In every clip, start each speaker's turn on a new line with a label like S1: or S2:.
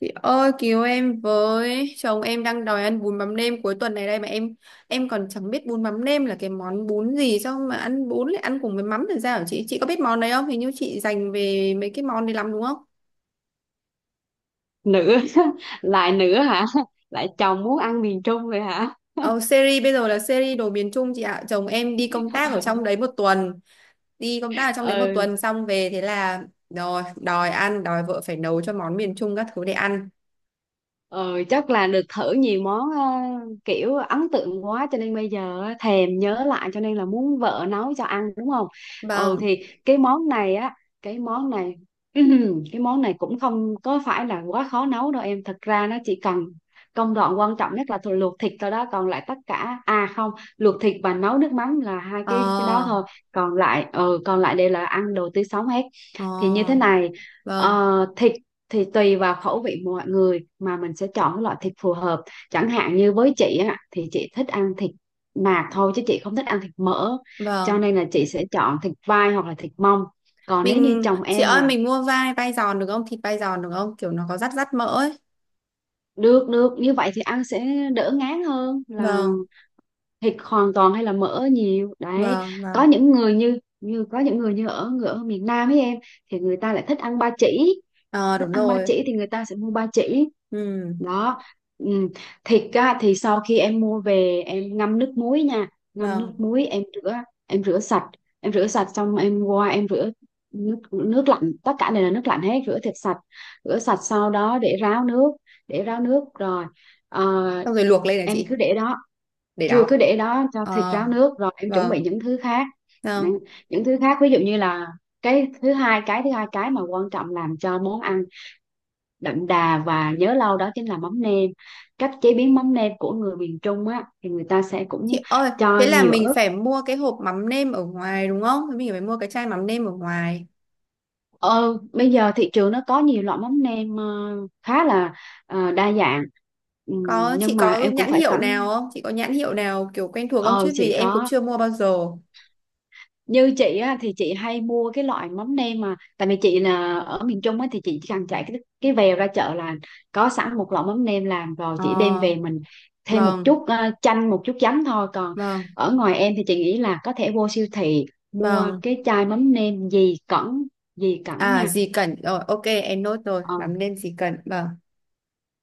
S1: Chị ơi cứu em với, chồng em đang đòi ăn bún mắm nêm cuối tuần này đây mà em còn chẳng biết bún mắm nêm là cái món bún gì, sao mà ăn bún lại ăn cùng với mắm thì sao hả chị? Chị có biết món đấy không? Hình như chị dành về mấy cái món đấy lắm đúng không?
S2: Nữ. Lại nữ hả? Lại chồng muốn ăn miền Trung vậy hả?
S1: Ờ, Series bây giờ là series đồ miền Trung chị ạ, chồng em đi công tác ở trong đấy một tuần, đi công tác ở trong đấy một
S2: Ừ.
S1: tuần xong về thế là rồi đòi ăn, đòi vợ phải nấu cho món miền Trung các thứ để ăn.
S2: Ờ, Chắc là được thử nhiều món, kiểu ấn tượng quá cho nên bây giờ á, thèm nhớ lại cho nên là muốn vợ nấu cho ăn đúng không? Ừ
S1: Vâng.
S2: thì cái món này á, cái món này cái món này cũng không có phải là quá khó nấu đâu em. Thật ra nó chỉ cần công đoạn quan trọng nhất là thôi luộc thịt thôi đó, còn lại tất cả à không, luộc thịt và nấu nước mắm là hai cái đó
S1: Ờ.
S2: thôi. Còn lại còn lại đây là ăn đồ tươi sống hết.
S1: Ờ.
S2: Thì như thế này,
S1: Vâng,
S2: thịt thì tùy vào khẩu vị mọi người mà mình sẽ chọn cái loại thịt phù hợp, chẳng hạn như với chị á thì chị thích ăn thịt nạc thôi chứ chị không thích ăn thịt mỡ, cho
S1: vâng.
S2: nên là chị sẽ chọn thịt vai hoặc là thịt mông. Còn nếu như
S1: Mình
S2: chồng
S1: chị
S2: em
S1: ơi,
S2: là
S1: mình mua vai vai giòn được không? Thịt vai giòn được không? Kiểu nó có rắt rắt mỡ ấy.
S2: được, được như vậy thì ăn sẽ đỡ ngán hơn là
S1: Vâng,
S2: thịt hoàn toàn hay là mỡ nhiều đấy.
S1: vâng, vâng.
S2: Có những người như như có những người như ở người ở miền Nam ấy em, thì người ta lại thích ăn ba chỉ.
S1: Ờ
S2: Thức
S1: đúng
S2: ăn ba
S1: rồi.
S2: chỉ thì người ta sẽ mua ba chỉ
S1: Ừ,
S2: đó. Ừ. Thịt á, thì sau khi em mua về em ngâm nước muối nha, ngâm nước
S1: vâng.
S2: muối em rửa, em rửa sạch em rửa sạch xong em qua em rửa nước nước lạnh, tất cả đều là nước lạnh hết, rửa thịt sạch, rửa sạch sau đó để ráo nước, rồi ờ,
S1: Xong rồi luộc lên hả
S2: em
S1: chị?
S2: cứ để đó,
S1: Để
S2: chưa,
S1: đó.
S2: cứ để đó cho thịt
S1: Ờ,
S2: ráo nước rồi em chuẩn bị
S1: vâng.
S2: những thứ khác.
S1: Vâng.
S2: những những thứ khác ví dụ như là cái thứ hai, cái mà quan trọng làm cho món ăn đậm đà và nhớ lâu đó chính là mắm nêm. Cách chế biến mắm nêm của người miền Trung á thì người ta sẽ cũng
S1: Chị ơi, thế
S2: cho
S1: là
S2: nhiều
S1: mình
S2: ớt.
S1: phải mua cái hộp mắm nêm ở ngoài đúng không? Thế mình phải mua cái chai mắm nêm ở ngoài.
S2: Ờ, Bây giờ thị trường nó có nhiều loại mắm nêm, khá là đa dạng.
S1: Có, chị
S2: Nhưng mà
S1: có
S2: em cũng
S1: nhãn
S2: phải
S1: hiệu nào
S2: cẩn.
S1: không? Chị có nhãn hiệu nào kiểu quen thuộc không,
S2: Ờ
S1: chứ vì
S2: chị
S1: em cũng
S2: có.
S1: chưa mua bao giờ.
S2: Như chị á, thì chị hay mua cái loại mắm nêm mà tại vì chị là ở miền Trung á, thì chị chỉ cần chạy cái vèo ra chợ là có sẵn một lọ mắm nêm làm rồi,
S1: Ờ,
S2: chị đem về mình thêm một
S1: vâng,
S2: chút chanh, một chút giấm thôi. Còn
S1: vâng,
S2: ở ngoài em thì chị nghĩ là có thể vô siêu thị mua
S1: vâng.
S2: cái chai mắm nêm Dì Cẩn, Dì Cẩn
S1: À
S2: nha.
S1: gì cần rồi, ok em nốt rồi,
S2: Ờ.
S1: mắm nêm gì cần. Vâng.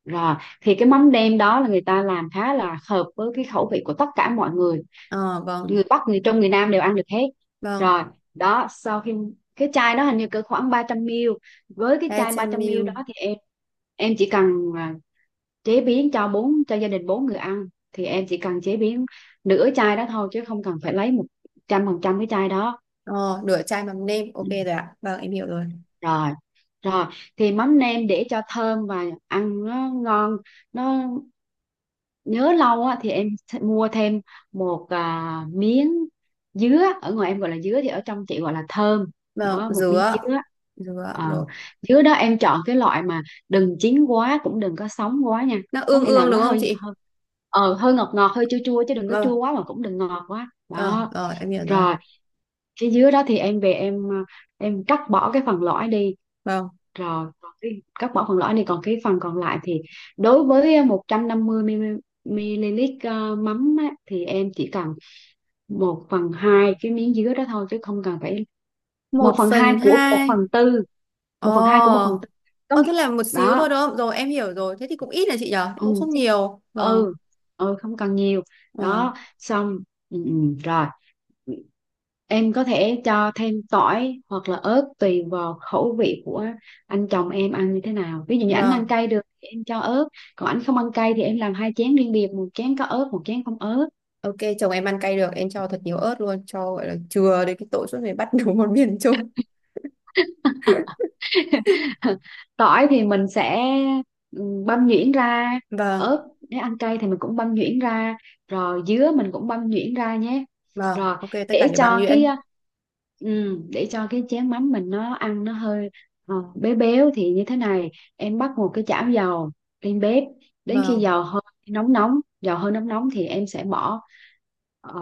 S2: Rồi, thì cái mắm nêm đó là người ta làm khá là hợp với cái khẩu vị của tất cả mọi người.
S1: Ờ vâng,
S2: Người Bắc, người Trung, người Nam đều ăn được hết.
S1: vâng.
S2: Rồi, đó, sau khi cái chai đó hình như cỡ khoảng 300 ml. Với cái chai 300 ml
S1: 300 ml.
S2: đó thì em chỉ cần à, chế biến cho gia đình bốn người ăn thì em chỉ cần chế biến nửa chai đó thôi chứ không cần phải lấy 100% cái chai đó.
S1: Ờ nửa chai mắm nêm,
S2: Ừ.
S1: ok rồi ạ. Vâng, em hiểu rồi.
S2: Rồi, Rồi thì mắm nêm để cho thơm và ăn nó ngon, nó nhớ lâu á, thì em mua thêm một miếng dứa. Ở ngoài em gọi là dứa thì ở trong chị gọi là thơm
S1: Vâng,
S2: đó, một miếng
S1: dứa.
S2: dứa.
S1: Dứa rồi.
S2: Ờ, dứa đó em chọn cái loại mà đừng chín quá cũng đừng có sống quá nha,
S1: Nó
S2: có
S1: ương
S2: nghĩa là
S1: ương
S2: nó
S1: đúng không
S2: hơi
S1: chị?
S2: hơi ờ, hơi ngọt ngọt hơi chua chua chứ đừng có chua
S1: Vâng.
S2: quá mà cũng đừng ngọt quá
S1: Ờ
S2: đó.
S1: rồi, em hiểu rồi.
S2: Rồi, cái dứa đó thì em về em cắt bỏ cái phần lõi đi.
S1: Vâng.
S2: Rồi, còn cái cắt bỏ phần lõi này còn cái phần còn lại thì đối với 150 ml mắm á, thì em chỉ cần một phần 2 cái miếng dứa đó thôi chứ không cần phải một
S1: Một
S2: phần 2
S1: phần
S2: của một
S1: hai.
S2: phần tư một phần 2 của một
S1: Ờ.
S2: phần tư, có
S1: Ờ
S2: nghĩa
S1: thế là một xíu
S2: đó.
S1: thôi đúng không? Rồi em hiểu rồi. Thế thì cũng ít là chị nhở? Thế cũng
S2: ừ,
S1: không
S2: chứ-
S1: nhiều. Vâng.
S2: ừ, ừ, không cần nhiều
S1: Ờ.
S2: đó xong. Ừ, ừ, rồi. Em có thể cho thêm tỏi hoặc là ớt tùy vào khẩu vị của anh chồng em ăn như thế nào. Ví dụ như anh
S1: Vâng.
S2: ăn cay được thì em cho ớt, còn anh không ăn cay thì em làm hai chén riêng biệt, một chén có ớt, một chén không ớt.
S1: Ok, chồng em ăn cay được, em cho thật nhiều ớt luôn, cho gọi là chừa đến cái tội suốt ngày bắt đủ một miền chung.
S2: Tỏi thì mình sẽ ừ, băm nhuyễn ra,
S1: Vâng.
S2: ớt nếu ăn cay thì mình cũng băm nhuyễn ra, rồi dứa mình cũng băm nhuyễn ra nhé.
S1: Vâng,
S2: Rồi,
S1: ok, tất cả
S2: để
S1: đều băm
S2: cho cái
S1: nhuyễn.
S2: ừ, để cho cái chén mắm mình nó ăn nó hơi béo béo thì như thế này em bắt một cái chảo dầu lên bếp, đến khi
S1: Vâng,
S2: dầu hơi nóng nóng, thì em sẽ bỏ ờ,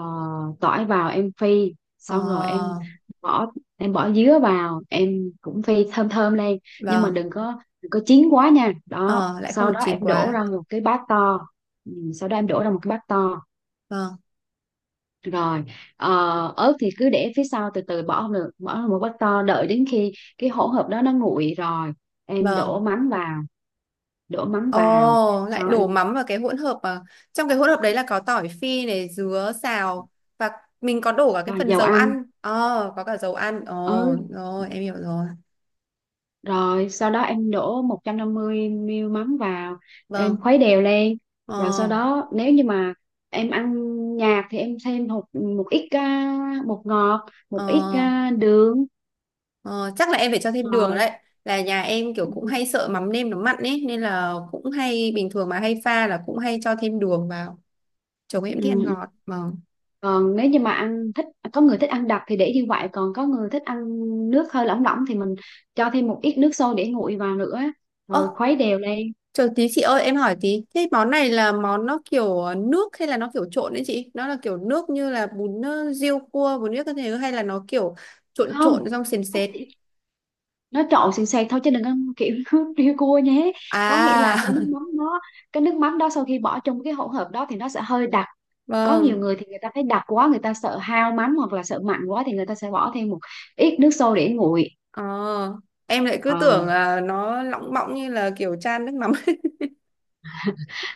S2: tỏi vào em phi, xong rồi
S1: ờ,
S2: bỏ em bỏ dứa vào em cũng phi thơm thơm lên, nhưng mà
S1: vâng,
S2: đừng có chín quá nha. Đó,
S1: ờ, lại không
S2: sau
S1: được
S2: đó
S1: chín
S2: em đổ
S1: quá.
S2: ra một cái bát to. Ừ, sau đó em đổ ra một cái bát to.
S1: Vâng,
S2: Rồi, ờ, ớt thì cứ để phía sau từ từ bỏ, không được bỏ vào một bát to, đợi đến khi cái hỗn hợp đó nó nguội rồi em đổ
S1: vâng.
S2: mắm vào, đổ mắm vào
S1: Ồ, lại
S2: sau
S1: đổ
S2: em
S1: mắm vào cái hỗn hợp mà trong cái hỗn hợp đấy là có tỏi phi này, dứa, xào và mình có đổ cả cái
S2: và
S1: phần
S2: dầu
S1: dầu
S2: ăn.
S1: ăn. Ờ, có cả dầu ăn. Ồ,
S2: Ừ,
S1: rồi, em hiểu rồi.
S2: rồi sau đó em đổ 150 ml mắm vào em
S1: Vâng.
S2: khuấy đều lên. Rồi sau
S1: Ờ,
S2: đó nếu như mà em ăn nhạt thì em thêm một một ít bột ngọt, một ít
S1: ờ,
S2: đường.
S1: ờ, chắc là em phải cho thêm đường
S2: Rồi.
S1: đấy. Là nhà em kiểu cũng
S2: Ừ,
S1: hay sợ mắm nêm nó mặn ấy nên là cũng hay bình thường mà hay pha là cũng hay cho thêm đường vào. Chồng em thích ăn
S2: ừ.
S1: ngọt. Vâng.
S2: Còn nếu như mà ăn thích, có người thích ăn đặc thì để như vậy, còn có người thích ăn nước hơi lỏng lỏng thì mình cho thêm một ít nước sôi để nguội vào nữa,
S1: Ơ
S2: rồi khuấy đều lên.
S1: chờ tí chị ơi em hỏi tí. Thế món này là món nó kiểu nước hay là nó kiểu trộn đấy chị? Nó là kiểu nước như là bún riêu cua, bún riêu các thứ, hay là nó kiểu trộn
S2: Không,
S1: trộn xong sền sệt?
S2: nó trộn sền sệt thôi chứ đừng ăn kiểu nước riêu cua nhé. Có nghĩa là
S1: À
S2: cái nước mắm đó sau khi bỏ trong cái hỗn hợp đó thì nó sẽ hơi đặc. Có nhiều
S1: vâng.
S2: người thì người ta thấy đặc quá, người ta sợ hao mắm hoặc là sợ mặn quá thì người ta sẽ bỏ thêm một ít nước sôi để nguội.
S1: Ờ. Em lại cứ
S2: Ờ,
S1: tưởng là nó lỏng bọng như là kiểu chan nước mắm.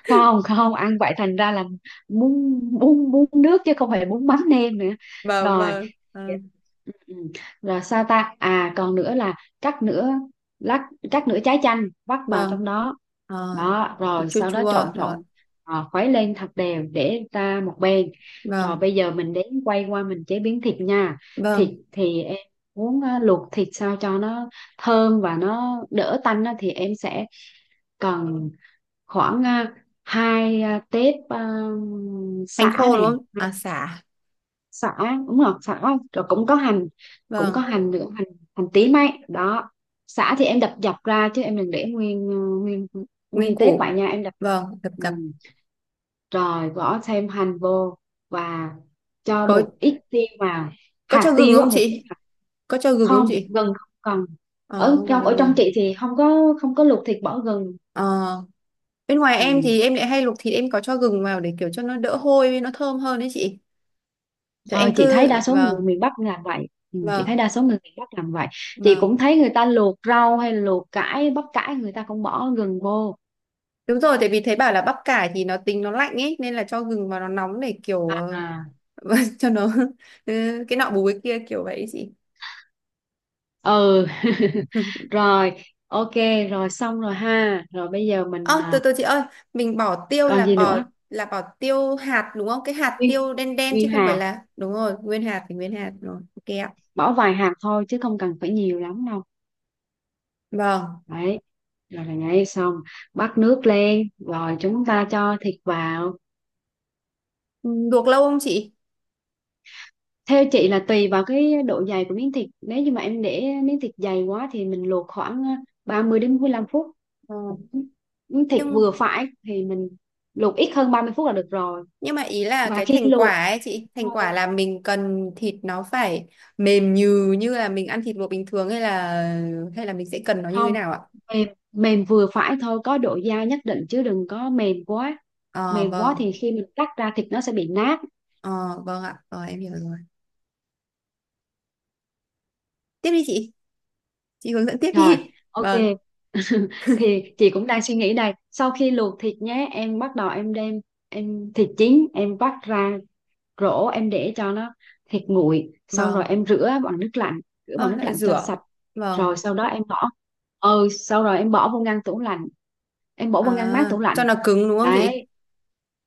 S2: không, không ăn vậy thành ra là bún bún bún nước chứ không phải bún mắm nêm nữa.
S1: Vâng
S2: Rồi.
S1: vâng ừ.
S2: Ừ, ừ. Rồi sao ta, à còn nữa là cắt nửa cắt nửa trái chanh vắt vào
S1: Vâng.
S2: trong đó.
S1: Ờ.
S2: Đó rồi
S1: Chua
S2: sau đó
S1: chua
S2: trộn
S1: rồi.
S2: trộn, khuấy lên thật đều để ra một bên. Rồi
S1: Vâng.
S2: bây giờ mình đến quay qua mình chế biến thịt nha. Thịt
S1: Vâng.
S2: thì em muốn á, luộc thịt sao cho nó thơm và nó đỡ tanh á thì em sẽ cần khoảng hai tép
S1: Hành
S2: sả
S1: khô đúng
S2: này,
S1: không? À sả.
S2: sả, đúng rồi, sả không, rồi cũng có hành, cũng có
S1: Vâng.
S2: hành nữa, hành hành tím ấy đó. Sả thì em đập dập ra chứ em đừng để nguyên nguyên
S1: Nguyên
S2: nguyên tép
S1: củ.
S2: vậy nha, em đập.
S1: Vâng. Đập
S2: Ừ.
S1: đập.
S2: Rồi bỏ thêm hành vô và cho
S1: Có
S2: một ít tiêu vào,
S1: có cho
S2: hạt
S1: gừng
S2: tiêu á,
S1: không
S2: một ít
S1: chị?
S2: hạt.
S1: Có cho gừng không
S2: Không,
S1: chị?
S2: gừng không cần.
S1: Ờ,
S2: Ở
S1: không cần
S2: trong
S1: cho gừng.
S2: chị thì không có, luộc thịt bỏ gừng.
S1: Ờ, bên ngoài
S2: Ừ.
S1: em thì em lại hay luộc thịt em có cho gừng vào để kiểu cho nó đỡ hôi với nó thơm hơn đấy chị. Thì
S2: Ờ,
S1: em
S2: chị thấy
S1: cứ
S2: đa số
S1: vâng,
S2: người miền Bắc làm vậy. Ừ, chị thấy
S1: vâng,
S2: đa số người miền Bắc làm vậy Chị
S1: vâng.
S2: cũng thấy người ta luộc rau hay luộc cải, bắp cải, người ta cũng bỏ gừng vô.
S1: Đúng rồi, tại vì thấy bảo là bắp cải thì nó tính nó lạnh ấy nên là cho gừng vào nó nóng để kiểu
S2: À,
S1: cho nó ừ, cái nọ bù cái kia kiểu vậy ấy chị.
S2: ừ. Rồi, ok. Rồi xong rồi ha. Rồi bây giờ mình
S1: Ơ từ từ chị ơi, mình bỏ tiêu
S2: còn
S1: là
S2: gì nữa.
S1: bỏ tiêu hạt đúng không? Cái hạt
S2: Nguyên
S1: tiêu đen đen chứ
S2: Nguyên
S1: không phải
S2: hạt,
S1: là đúng rồi, nguyên hạt thì nguyên hạt rồi. Ok ạ.
S2: bỏ vài hạt thôi chứ không cần phải nhiều lắm đâu.
S1: Vâng.
S2: Đấy, rồi là nhảy xong, bắt nước lên rồi chúng ta cho thịt vào.
S1: Ừ, luộc lâu không chị?
S2: Theo chị là tùy vào cái độ dày của miếng thịt. Nếu như mà em để miếng thịt dày quá thì mình luộc khoảng 30 đến 45 phút.
S1: Ờ.
S2: Miếng thịt
S1: Nhưng
S2: vừa phải thì mình luộc ít hơn 30 phút là được rồi.
S1: Nhưng mà ý là
S2: Và
S1: cái
S2: khi
S1: thành
S2: luộc
S1: quả ấy chị, thành
S2: thôi,
S1: quả là mình cần thịt nó phải mềm nhừ như là mình ăn thịt luộc bình thường, hay là mình sẽ cần nó như thế
S2: không,
S1: nào ạ?
S2: mềm mềm vừa phải thôi, có độ dai nhất định chứ đừng có mềm quá.
S1: Ờ
S2: Mềm quá
S1: vâng,
S2: thì khi mình cắt ra thịt nó sẽ bị nát.
S1: ờ vâng ạ, ờ em hiểu rồi. Tiếp đi chị hướng dẫn tiếp
S2: Rồi,
S1: đi.
S2: ok.
S1: Vâng,
S2: Thì chị cũng đang suy nghĩ đây. Sau khi luộc thịt nhé, em bắt đầu em đem thịt chín em vắt ra rổ, em để cho nó thịt nguội xong rồi
S1: vâng,
S2: em rửa bằng nước lạnh,
S1: ờ lại
S2: cho
S1: rửa.
S2: sạch. Rồi
S1: Vâng,
S2: sau đó em bỏ, ừ sau rồi em bỏ vô ngăn tủ lạnh, em bỏ vô ngăn mát
S1: à,
S2: tủ
S1: cho
S2: lạnh.
S1: nó cứng đúng không chị?
S2: Đấy,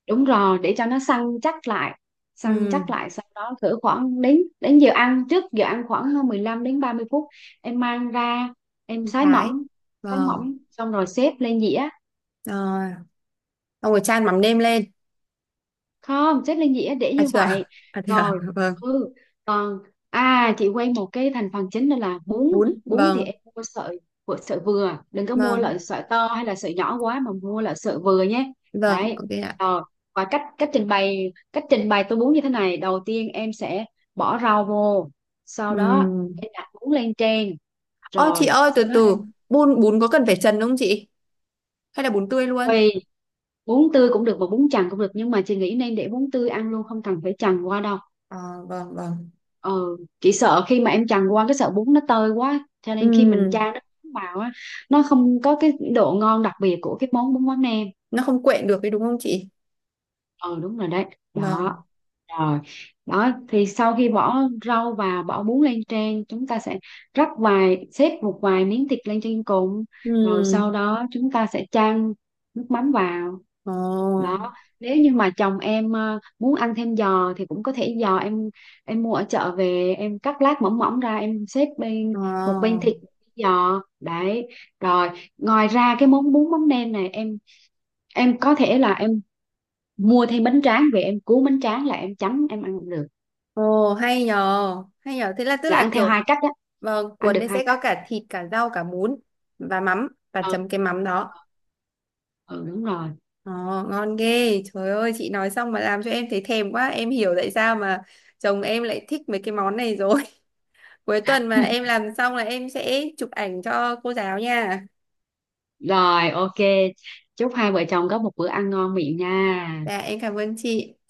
S2: đúng rồi, để cho nó săn chắc lại,
S1: Ừ,
S2: sau đó cỡ khoảng đến, đến giờ ăn, trước giờ ăn khoảng 15 đến 30 phút em mang ra em sái
S1: thái.
S2: mỏng. Sái
S1: Vâng,
S2: mỏng xong rồi xếp lên dĩa,
S1: rồi, xong rồi chan mắm nêm lên.
S2: không, chất lên dĩa để
S1: À
S2: như
S1: chưa,
S2: vậy.
S1: à chưa,
S2: Rồi,
S1: vâng,
S2: ừ, còn à, chị quên một cái thành phần chính đó là bún.
S1: bún,
S2: Bún thì
S1: vâng,
S2: em mua sợi của sợi vừa, đừng có mua
S1: vâng,
S2: loại sợi to hay là sợi nhỏ quá mà mua loại sợi vừa nhé.
S1: vâng,
S2: Đấy.
S1: ok ạ.
S2: Rồi, và cách cách trình bày tô bún như thế này, đầu tiên em sẽ bỏ rau vô,
S1: Ừ.
S2: sau đó em đặt bún lên trên.
S1: Ơ chị
S2: Rồi
S1: ơi từ
S2: sau đó
S1: từ,
S2: em
S1: bún bún có cần phải trần không chị? Hay là bún tươi luôn?
S2: tùy, bún tươi cũng được mà bún chần cũng được, nhưng mà chị nghĩ nên để bún tươi ăn luôn không cần phải chần qua đâu.
S1: À, vâng vâng.
S2: Ừ, chị sợ khi mà em chần qua cái sợi bún nó tơi quá, cho nên khi mình
S1: Ừm,
S2: chan nó màu á, nó không có cái độ ngon đặc biệt của cái món bún mắm nem.
S1: nó không quện được đấy đúng không chị?
S2: Ừ, đúng rồi đấy.
S1: Vâng.
S2: Đó. Rồi, đó thì sau khi bỏ rau và bỏ bún lên trên chúng ta sẽ rắc vài, xếp một vài miếng thịt lên trên cùng, rồi
S1: Ừm,
S2: sau đó chúng ta sẽ chan nước mắm vào.
S1: ồ,
S2: Đó, nếu như mà chồng em muốn ăn thêm giò thì cũng có thể, giò em mua ở chợ về em cắt lát mỏng mỏng ra em xếp bên, một bên
S1: ồ,
S2: thịt một bên giò đấy. Rồi, ngoài ra cái món bún mắm nêm này em có thể là em mua thêm bánh tráng về em cuốn bánh tráng là em chấm em ăn được,
S1: ồ hay nhờ, hay nhờ. Thế là tức
S2: là
S1: là
S2: ăn theo
S1: kiểu
S2: hai cách á,
S1: vâng,
S2: ăn
S1: cuốn
S2: được
S1: đấy sẽ
S2: hai cách.
S1: có cả thịt, cả rau, cả bún và mắm, và
S2: Ừ,
S1: chấm cái mắm đó.
S2: ừ, đúng rồi.
S1: Ồ, ngon ghê. Trời ơi, chị nói xong mà làm cho em thấy thèm quá. Em hiểu tại sao mà chồng em lại thích mấy cái món này rồi. Cuối tuần mà em làm xong là em sẽ chụp ảnh cho cô giáo nha.
S2: Rồi, ok, chúc hai vợ chồng có một bữa ăn ngon miệng nha.
S1: Dạ em cảm ơn chị.